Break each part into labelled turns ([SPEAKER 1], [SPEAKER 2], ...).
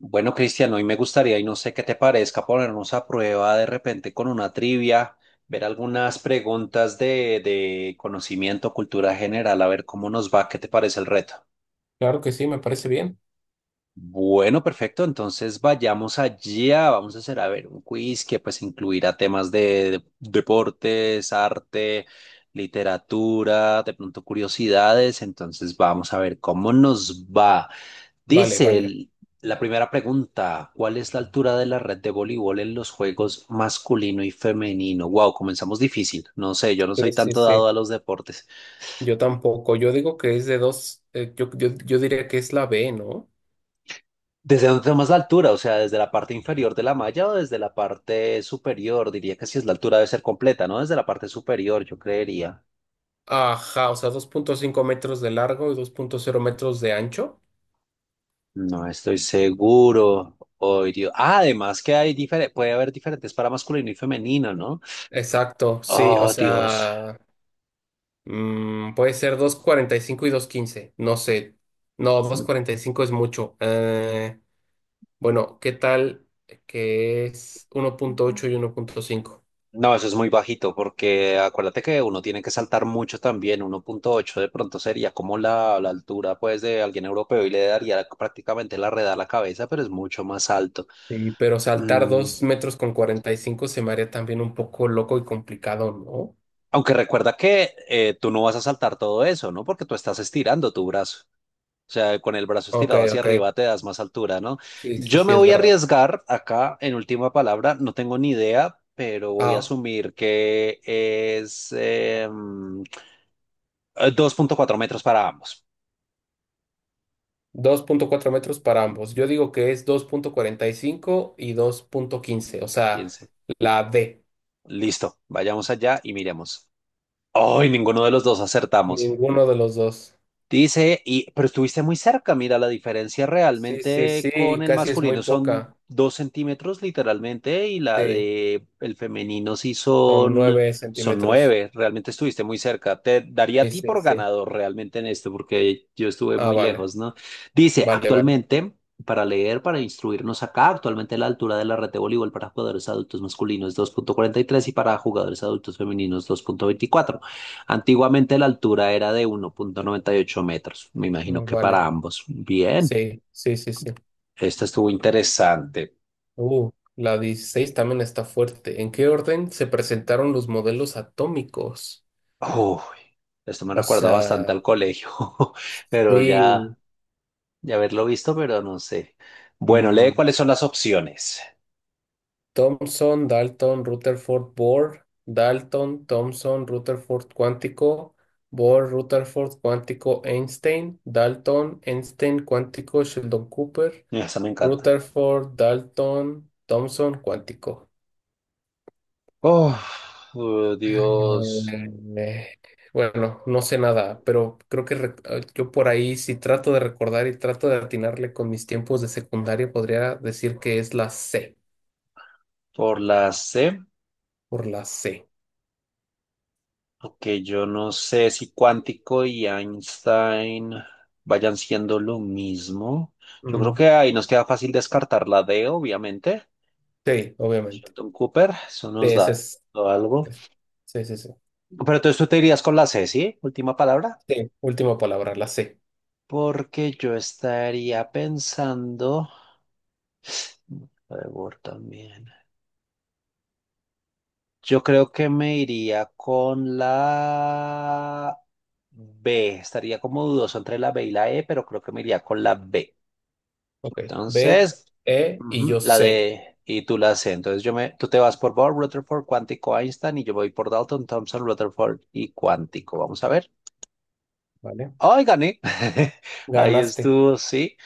[SPEAKER 1] Bueno, Cristian, hoy me gustaría, y no sé qué te parezca, ponernos a prueba de repente con una trivia, ver algunas preguntas de conocimiento, cultura general, a ver cómo nos va, qué te parece el reto.
[SPEAKER 2] Claro que sí, me parece bien.
[SPEAKER 1] Bueno, perfecto, entonces vayamos allá, vamos a hacer, a ver, un quiz que pues incluirá temas deportes, arte, literatura, de pronto curiosidades, entonces vamos a ver cómo nos va.
[SPEAKER 2] Vale,
[SPEAKER 1] Dice
[SPEAKER 2] vale.
[SPEAKER 1] la primera pregunta, ¿cuál es la altura de la red de voleibol en los juegos masculino y femenino? Wow, comenzamos difícil. No sé, yo no soy
[SPEAKER 2] Sí, sí,
[SPEAKER 1] tanto dado
[SPEAKER 2] sí.
[SPEAKER 1] a los deportes.
[SPEAKER 2] Yo tampoco. Yo digo que es de dos, yo diría que es la B, ¿no?
[SPEAKER 1] ¿Desde dónde tomas la altura? O sea, ¿desde la parte inferior de la malla o desde la parte superior? Diría que si es la altura debe ser completa, ¿no? Desde la parte superior, yo creería.
[SPEAKER 2] Ajá, o sea, 2,5 metros de largo y 2,0 metros de ancho.
[SPEAKER 1] No estoy seguro. Oh, Dios. Ah, además que hay puede haber diferentes para masculino y femenino, ¿no?
[SPEAKER 2] Exacto, sí, o
[SPEAKER 1] Oh, Dios.
[SPEAKER 2] sea, puede ser 2,45 y 2,15. No sé. No, 2,45 es mucho. Bueno, ¿qué tal que es 1,8 y 1,5?
[SPEAKER 1] No, eso es muy bajito porque acuérdate que uno tiene que saltar mucho también. 1.8, de pronto sería como la altura pues de alguien europeo y le daría prácticamente la red a la cabeza, pero es mucho más alto.
[SPEAKER 2] Sí, pero saltar
[SPEAKER 1] Mm,
[SPEAKER 2] 2,45 metros se me haría también un poco loco y complicado, ¿no?
[SPEAKER 1] aunque recuerda que tú no vas a saltar todo eso, ¿no? Porque tú estás estirando tu brazo. O sea, con el brazo
[SPEAKER 2] Ok,
[SPEAKER 1] estirado hacia
[SPEAKER 2] ok.
[SPEAKER 1] arriba te das más altura, ¿no?
[SPEAKER 2] Sí, sí,
[SPEAKER 1] Yo
[SPEAKER 2] sí,
[SPEAKER 1] me
[SPEAKER 2] es
[SPEAKER 1] voy a
[SPEAKER 2] verdad.
[SPEAKER 1] arriesgar acá en última palabra, no tengo ni idea, pero voy a
[SPEAKER 2] Ah,
[SPEAKER 1] asumir que es 2.4 metros para ambos.
[SPEAKER 2] 2,4 metros para ambos. Yo digo que es 2,45 y 2,15. O sea,
[SPEAKER 1] Piense.
[SPEAKER 2] la D.
[SPEAKER 1] Listo, vayamos allá y miremos. ¡Ay, ninguno de los dos acertamos!
[SPEAKER 2] Ninguno de los dos.
[SPEAKER 1] Dice, y, pero estuviste muy cerca, mira, la diferencia
[SPEAKER 2] Sí, sí,
[SPEAKER 1] realmente con
[SPEAKER 2] sí,
[SPEAKER 1] el
[SPEAKER 2] casi es muy
[SPEAKER 1] masculino son
[SPEAKER 2] poca.
[SPEAKER 1] 2 centímetros literalmente y la
[SPEAKER 2] Sí,
[SPEAKER 1] de el femenino sí
[SPEAKER 2] son
[SPEAKER 1] son,
[SPEAKER 2] 9
[SPEAKER 1] son
[SPEAKER 2] centímetros.
[SPEAKER 1] nueve, realmente estuviste muy cerca. Te daría a
[SPEAKER 2] Sí,
[SPEAKER 1] ti
[SPEAKER 2] sí,
[SPEAKER 1] por
[SPEAKER 2] sí.
[SPEAKER 1] ganador realmente en esto porque yo estuve
[SPEAKER 2] Ah,
[SPEAKER 1] muy
[SPEAKER 2] vale,
[SPEAKER 1] lejos, ¿no? Dice,
[SPEAKER 2] vale, vale.
[SPEAKER 1] actualmente, para leer, para instruirnos acá, actualmente la altura de la red de voleibol para jugadores adultos masculinos es 2.43 y para jugadores adultos femeninos 2.24. Antiguamente la altura era de 1.98 metros. Me imagino
[SPEAKER 2] Mm,
[SPEAKER 1] que para
[SPEAKER 2] vale.
[SPEAKER 1] ambos. Bien,
[SPEAKER 2] Sí, sí, sí, sí.
[SPEAKER 1] esta estuvo interesante.
[SPEAKER 2] La 16 también está fuerte. ¿En qué orden se presentaron los modelos atómicos?
[SPEAKER 1] Uy, esto me
[SPEAKER 2] O
[SPEAKER 1] recuerda bastante
[SPEAKER 2] sea,
[SPEAKER 1] al colegio, pero ya,
[SPEAKER 2] sí.
[SPEAKER 1] ya haberlo visto, pero no sé. Bueno, lee
[SPEAKER 2] mm,
[SPEAKER 1] cuáles son las opciones.
[SPEAKER 2] Thomson, Dalton, Rutherford, Bohr, Dalton, Thomson, Rutherford cuántico, Bohr, Rutherford cuántico, Einstein, Dalton, Einstein cuántico, Sheldon Cooper,
[SPEAKER 1] Esa me encanta.
[SPEAKER 2] Rutherford, Dalton, Thomson cuántico.
[SPEAKER 1] Oh, oh, Dios,
[SPEAKER 2] Mm, Eh, bueno, no sé nada, pero creo que yo por ahí, si trato de recordar y trato de atinarle con mis tiempos de secundaria, podría decir que es la C,
[SPEAKER 1] por la C.
[SPEAKER 2] por la C.
[SPEAKER 1] Ok, yo no sé si cuántico y Einstein vayan siendo lo mismo. Yo creo
[SPEAKER 2] Ujú.
[SPEAKER 1] que ahí nos queda fácil descartar la D, obviamente.
[SPEAKER 2] Sí, obviamente.
[SPEAKER 1] Sheldon Cooper, eso
[SPEAKER 2] Sí,
[SPEAKER 1] nos
[SPEAKER 2] ese
[SPEAKER 1] da
[SPEAKER 2] es,
[SPEAKER 1] algo.
[SPEAKER 2] es- sí, sí, sí.
[SPEAKER 1] Pero entonces tú te irías con la C, ¿sí? Última palabra.
[SPEAKER 2] Sí, última palabra, la C.
[SPEAKER 1] Porque yo estaría pensando. Trevor también. Yo creo que me iría con la B. Estaría como dudoso entre la B y la E, pero creo que me iría con la B.
[SPEAKER 2] Ok. B,
[SPEAKER 1] Entonces,
[SPEAKER 2] E y
[SPEAKER 1] Ujú.
[SPEAKER 2] yo
[SPEAKER 1] La
[SPEAKER 2] C.
[SPEAKER 1] de, y tú la C. Entonces, tú te vas por Bohr, Rutherford, cuántico, Einstein, y yo voy por Dalton, thomson, Rutherford y cuántico. Vamos a ver.
[SPEAKER 2] ¿Vale?
[SPEAKER 1] ¡Ay, gané! Ahí
[SPEAKER 2] Ganaste.
[SPEAKER 1] estuvo, sí.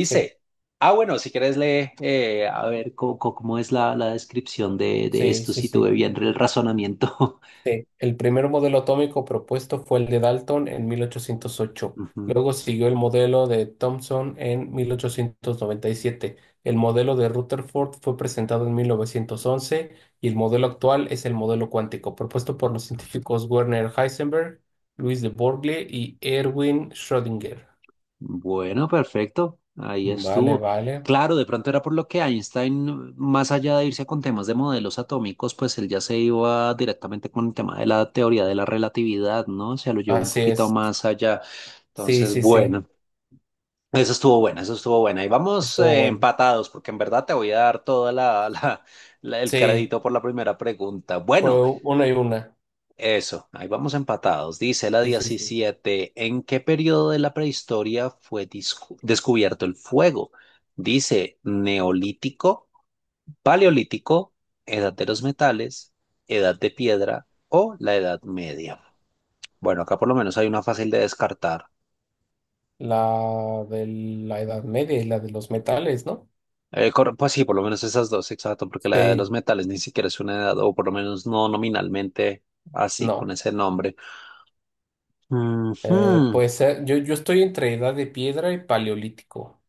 [SPEAKER 2] Sí,
[SPEAKER 1] ah, bueno, si quieres lee, a ver, cómo, es la descripción de
[SPEAKER 2] sí,
[SPEAKER 1] esto,
[SPEAKER 2] sí,
[SPEAKER 1] si
[SPEAKER 2] sí.
[SPEAKER 1] tuve bien el razonamiento.
[SPEAKER 2] Sí, el primer modelo atómico propuesto fue el de Dalton en mil ochocientos ocho.
[SPEAKER 1] Ujú.
[SPEAKER 2] Luego siguió el modelo de Thomson en 1897. El modelo de Rutherford fue presentado en 1911 y el modelo actual es el modelo cuántico, propuesto por los científicos Werner Heisenberg, Luis de Broglie y Erwin Schrödinger.
[SPEAKER 1] Bueno, perfecto. Ahí
[SPEAKER 2] Vale,
[SPEAKER 1] estuvo.
[SPEAKER 2] vale.
[SPEAKER 1] Claro, de pronto era por lo que Einstein, más allá de irse con temas de modelos atómicos, pues él ya se iba directamente con el tema de la teoría de la relatividad, ¿no? Se lo llevó un
[SPEAKER 2] Así
[SPEAKER 1] poquito
[SPEAKER 2] es.
[SPEAKER 1] más allá.
[SPEAKER 2] Sí,
[SPEAKER 1] Entonces,
[SPEAKER 2] sí, sí.
[SPEAKER 1] bueno, eso estuvo bueno, eso estuvo bueno. Y vamos
[SPEAKER 2] Estuvo bueno.
[SPEAKER 1] empatados, porque en verdad te voy a dar toda la, el
[SPEAKER 2] Sí,
[SPEAKER 1] crédito por la primera pregunta. Bueno,
[SPEAKER 2] fue una y una.
[SPEAKER 1] eso, ahí vamos empatados. Dice la
[SPEAKER 2] Sí, sí, sí.
[SPEAKER 1] 17. ¿En qué periodo de la prehistoria fue descubierto el fuego? Dice neolítico, paleolítico, edad de los metales, edad de piedra o la edad media. Bueno, acá por lo menos hay una fácil de descartar.
[SPEAKER 2] La de la Edad Media y la de los metales, ¿no?
[SPEAKER 1] Pues sí, por lo menos esas dos, exacto, porque la edad de
[SPEAKER 2] Sí,
[SPEAKER 1] los metales ni siquiera es una edad, o por lo menos no nominalmente así,
[SPEAKER 2] no.
[SPEAKER 1] con ese nombre. Ujú.
[SPEAKER 2] Pues yo estoy entre Edad de Piedra y Paleolítico.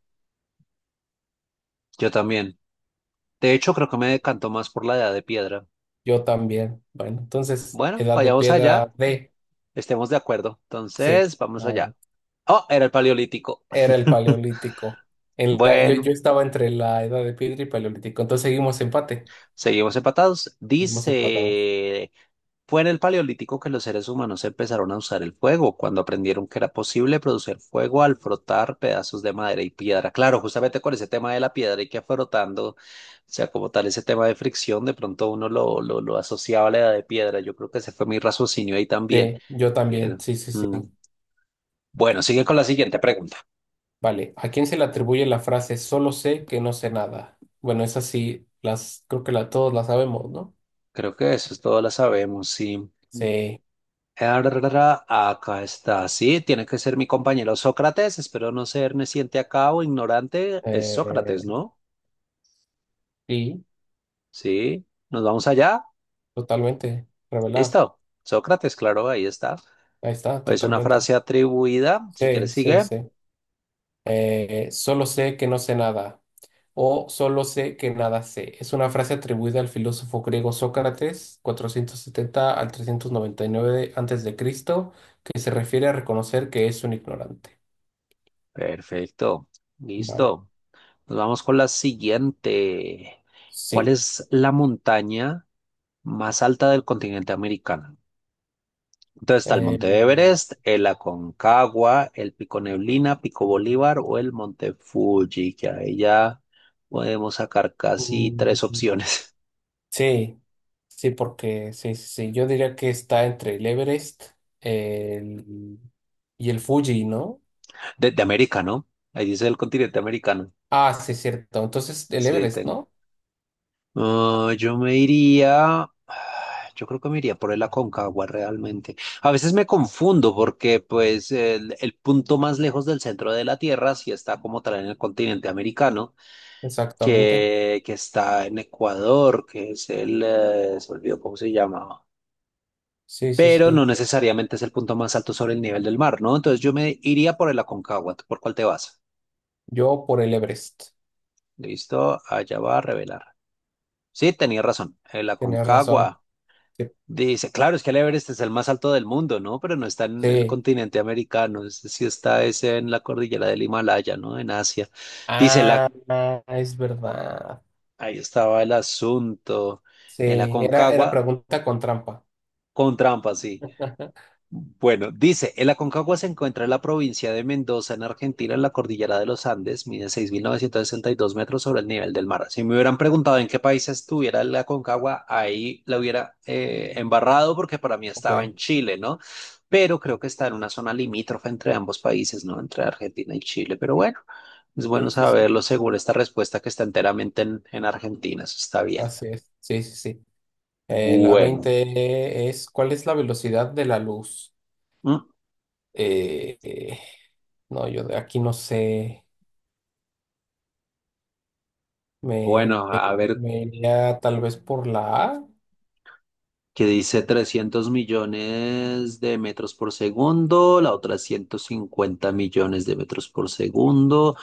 [SPEAKER 1] Yo también. De hecho, creo que me decantó más por la edad de piedra.
[SPEAKER 2] Yo también. Bueno, entonces,
[SPEAKER 1] Bueno,
[SPEAKER 2] Edad de
[SPEAKER 1] vayamos
[SPEAKER 2] Piedra
[SPEAKER 1] allá,
[SPEAKER 2] D,
[SPEAKER 1] estemos de acuerdo.
[SPEAKER 2] sí,
[SPEAKER 1] Entonces, vamos
[SPEAKER 2] ahora,
[SPEAKER 1] allá. Oh, era el paleolítico.
[SPEAKER 2] era el Paleolítico. En la, yo,
[SPEAKER 1] Bueno,
[SPEAKER 2] yo estaba entre la Edad de Piedra y Paleolítico. Entonces seguimos empate.
[SPEAKER 1] seguimos empatados.
[SPEAKER 2] Seguimos empatados.
[SPEAKER 1] Dice, fue en el paleolítico que los seres humanos empezaron a usar el fuego, cuando aprendieron que era posible producir fuego al frotar pedazos de madera y piedra. Claro, justamente con ese tema de la piedra y que frotando, o sea, como tal ese tema de fricción, de pronto uno lo, lo asociaba a la edad de piedra. Yo creo que ese fue mi raciocinio ahí también.
[SPEAKER 2] Sí, yo también.
[SPEAKER 1] Pero,
[SPEAKER 2] Sí, sí, sí.
[SPEAKER 1] mm. Bueno, sigue con la siguiente pregunta.
[SPEAKER 2] Vale. ¿A quién se le atribuye la frase solo sé que no sé nada? Bueno, esas sí, las, creo que la, todos las sabemos, ¿no?
[SPEAKER 1] Creo que eso es todo, la sabemos, sí.
[SPEAKER 2] Sí,
[SPEAKER 1] Arrarara. Acá está, sí, tiene que ser mi compañero Sócrates. Espero no ser neciente acá o ignorante. Es
[SPEAKER 2] eh,
[SPEAKER 1] Sócrates, ¿no?
[SPEAKER 2] sí,
[SPEAKER 1] Sí, nos vamos allá.
[SPEAKER 2] totalmente, revelar.
[SPEAKER 1] Listo. Sócrates, claro, ahí está.
[SPEAKER 2] Ahí está,
[SPEAKER 1] Es una
[SPEAKER 2] totalmente.
[SPEAKER 1] frase atribuida. Si
[SPEAKER 2] Sí,
[SPEAKER 1] quieres,
[SPEAKER 2] sí,
[SPEAKER 1] sigue.
[SPEAKER 2] sí. Solo sé que no sé nada. O solo sé que nada sé. Es una frase atribuida al filósofo griego Sócrates, (470 al 399 a. C.), que se refiere a reconocer que es un ignorante.
[SPEAKER 1] Perfecto.
[SPEAKER 2] Vale.
[SPEAKER 1] Listo. Nos vamos con la siguiente. ¿Cuál
[SPEAKER 2] Sí.
[SPEAKER 1] es la montaña más alta del continente americano? Entonces está el
[SPEAKER 2] Eh,
[SPEAKER 1] Monte Everest, el Aconcagua, el Pico Neblina, Pico Bolívar o el Monte Fuji, que ahí ya podemos sacar casi
[SPEAKER 2] mm,
[SPEAKER 1] tres opciones
[SPEAKER 2] Sí, sí, porque sí, sí, sí. Yo diría que está entre el Everest el- y el Fuji, ¿no?
[SPEAKER 1] de América, ¿no? Ahí dice el continente americano.
[SPEAKER 2] Ah, sí, cierto. Entonces, el
[SPEAKER 1] Sí,
[SPEAKER 2] Everest, ¿no?
[SPEAKER 1] ah, yo me iría, yo creo que me iría por el Aconcagua realmente. A veces me confundo porque pues el punto más lejos del centro de la Tierra sí está como tal en el continente americano
[SPEAKER 2] Exactamente.
[SPEAKER 1] que está en Ecuador, que es se me olvidó cómo se llamaba,
[SPEAKER 2] Sí, sí,
[SPEAKER 1] pero no
[SPEAKER 2] sí.
[SPEAKER 1] necesariamente es el punto más alto sobre el nivel del mar, ¿no? Entonces yo me iría por el Aconcagua. ¿Tú por cuál te vas?
[SPEAKER 2] Yo por el Everest.
[SPEAKER 1] Listo, allá va a revelar. Sí, tenía razón, el
[SPEAKER 2] Tenías razón.
[SPEAKER 1] Aconcagua.
[SPEAKER 2] Sí.
[SPEAKER 1] Dice, claro, es que el Everest es el más alto del mundo, ¿no? Pero no está en el
[SPEAKER 2] Sí.
[SPEAKER 1] continente americano, es sí está ese en la cordillera del Himalaya, ¿no? En Asia. Dice,
[SPEAKER 2] Ah, ah, es verdad.
[SPEAKER 1] ahí estaba el asunto,
[SPEAKER 2] Sí,
[SPEAKER 1] el
[SPEAKER 2] era
[SPEAKER 1] Aconcagua,
[SPEAKER 2] pregunta con trampa.
[SPEAKER 1] con trampa, sí. Bueno, dice, el Aconcagua se encuentra en la provincia de Mendoza, en Argentina, en la cordillera de los Andes, mide 6.962 metros sobre el nivel del mar. Si me hubieran preguntado en qué país estuviera el Aconcagua, ahí la hubiera embarrado porque para mí estaba en
[SPEAKER 2] Ok.
[SPEAKER 1] Chile, ¿no? Pero creo que está en una zona limítrofe entre ambos países, ¿no? Entre Argentina y Chile. Pero bueno, es bueno
[SPEAKER 2] Sí, sí, sí.
[SPEAKER 1] saberlo según esta respuesta que está enteramente en Argentina, eso está bien.
[SPEAKER 2] Así es. Sí, sí, sí. La
[SPEAKER 1] Bueno,
[SPEAKER 2] 20 es, ¿cuál es la velocidad de la luz?
[SPEAKER 1] mm,
[SPEAKER 2] Eh, eh, no, yo de aquí no sé. Me,
[SPEAKER 1] bueno,
[SPEAKER 2] me,
[SPEAKER 1] a ver
[SPEAKER 2] me iría tal vez por la A.
[SPEAKER 1] que dice 300 millones de metros por segundo, la otra 150 millones de metros por segundo,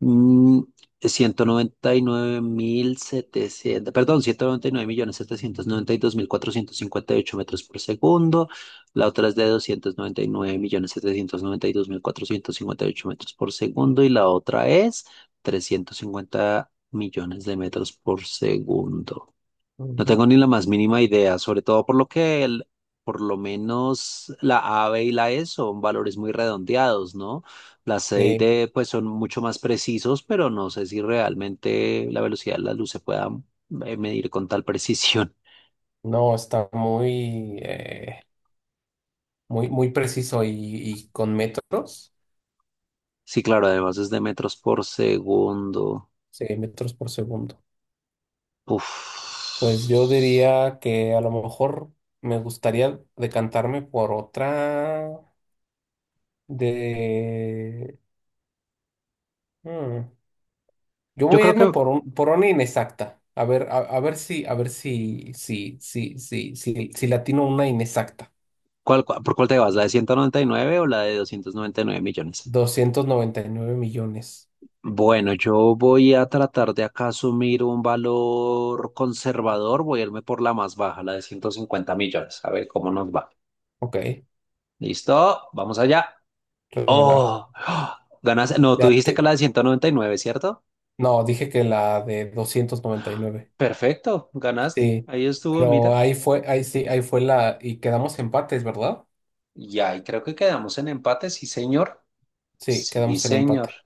[SPEAKER 1] mm, 199.700, perdón, 199.792.458 metros por segundo, la otra es de 299.792.458 metros por segundo y la otra es 350 millones de metros por segundo. No
[SPEAKER 2] Ujú.
[SPEAKER 1] tengo ni la más mínima idea, sobre todo por lo que por lo menos la A, B y la E son valores muy redondeados, ¿no? La C y
[SPEAKER 2] Eh,
[SPEAKER 1] D pues son mucho más precisos, pero no sé si realmente la velocidad de la luz se pueda medir con tal precisión.
[SPEAKER 2] no, está muy, muy, muy preciso y con metros.
[SPEAKER 1] Sí, claro, además es de metros por segundo.
[SPEAKER 2] Sí, metros por segundo.
[SPEAKER 1] Uf.
[SPEAKER 2] Pues yo diría que a lo mejor me gustaría decantarme por otra de. hmm, Yo
[SPEAKER 1] Yo
[SPEAKER 2] voy a
[SPEAKER 1] creo
[SPEAKER 2] irme
[SPEAKER 1] que,
[SPEAKER 2] por un, por una inexacta. A ver, a ver si, le atino una inexacta.
[SPEAKER 1] por cuál te vas? ¿La de 199 o la de 299 millones?
[SPEAKER 2] 299 millones.
[SPEAKER 1] Bueno, yo voy a tratar de acá asumir un valor conservador, voy a irme por la más baja, la de 150 millones, a ver cómo nos va.
[SPEAKER 2] Ok,
[SPEAKER 1] ¿Listo? Vamos allá.
[SPEAKER 2] revelar.
[SPEAKER 1] ¡Oh! ¡Ah! Ganaste. No, tú
[SPEAKER 2] Ya
[SPEAKER 1] dijiste que
[SPEAKER 2] te-
[SPEAKER 1] la de 199, ¿cierto?
[SPEAKER 2] No, dije que la de 299.
[SPEAKER 1] Perfecto, ganaste.
[SPEAKER 2] Sí,
[SPEAKER 1] Ahí estuvo,
[SPEAKER 2] pero
[SPEAKER 1] mira.
[SPEAKER 2] ahí fue, ahí sí, ahí fue la, y quedamos empates, ¿verdad?
[SPEAKER 1] Y ahí creo que quedamos en empate, sí, señor.
[SPEAKER 2] Sí,
[SPEAKER 1] Sí,
[SPEAKER 2] quedamos en
[SPEAKER 1] señor.
[SPEAKER 2] empate,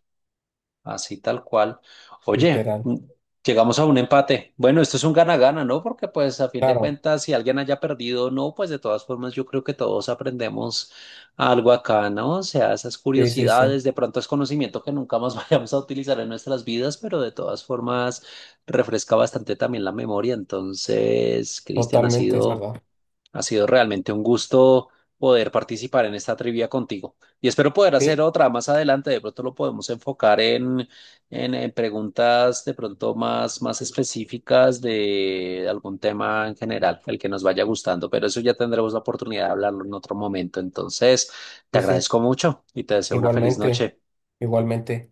[SPEAKER 1] Así tal cual. Oye,
[SPEAKER 2] literal.
[SPEAKER 1] llegamos a un empate. Bueno, esto es un gana-gana, ¿no? Porque pues a fin de
[SPEAKER 2] Claro,
[SPEAKER 1] cuentas, si alguien haya perdido o no, pues de todas formas yo creo que todos aprendemos algo acá, ¿no? O sea, esas
[SPEAKER 2] sí, sí, sí,
[SPEAKER 1] curiosidades, de pronto es conocimiento que nunca más vayamos a utilizar en nuestras vidas, pero de todas formas refresca bastante también la memoria. Entonces, Cristian, ha
[SPEAKER 2] totalmente, es
[SPEAKER 1] sido
[SPEAKER 2] verdad.
[SPEAKER 1] ha sido realmente un gusto poder participar en esta trivia contigo y espero poder hacer
[SPEAKER 2] Sí,
[SPEAKER 1] otra más adelante. De pronto lo podemos enfocar en, preguntas de pronto más específicas de algún tema en general, el que nos vaya gustando, pero eso ya tendremos la oportunidad de hablarlo en otro momento. Entonces, te
[SPEAKER 2] sí, sí,
[SPEAKER 1] agradezco mucho y te deseo una feliz
[SPEAKER 2] igualmente,
[SPEAKER 1] noche.
[SPEAKER 2] igualmente.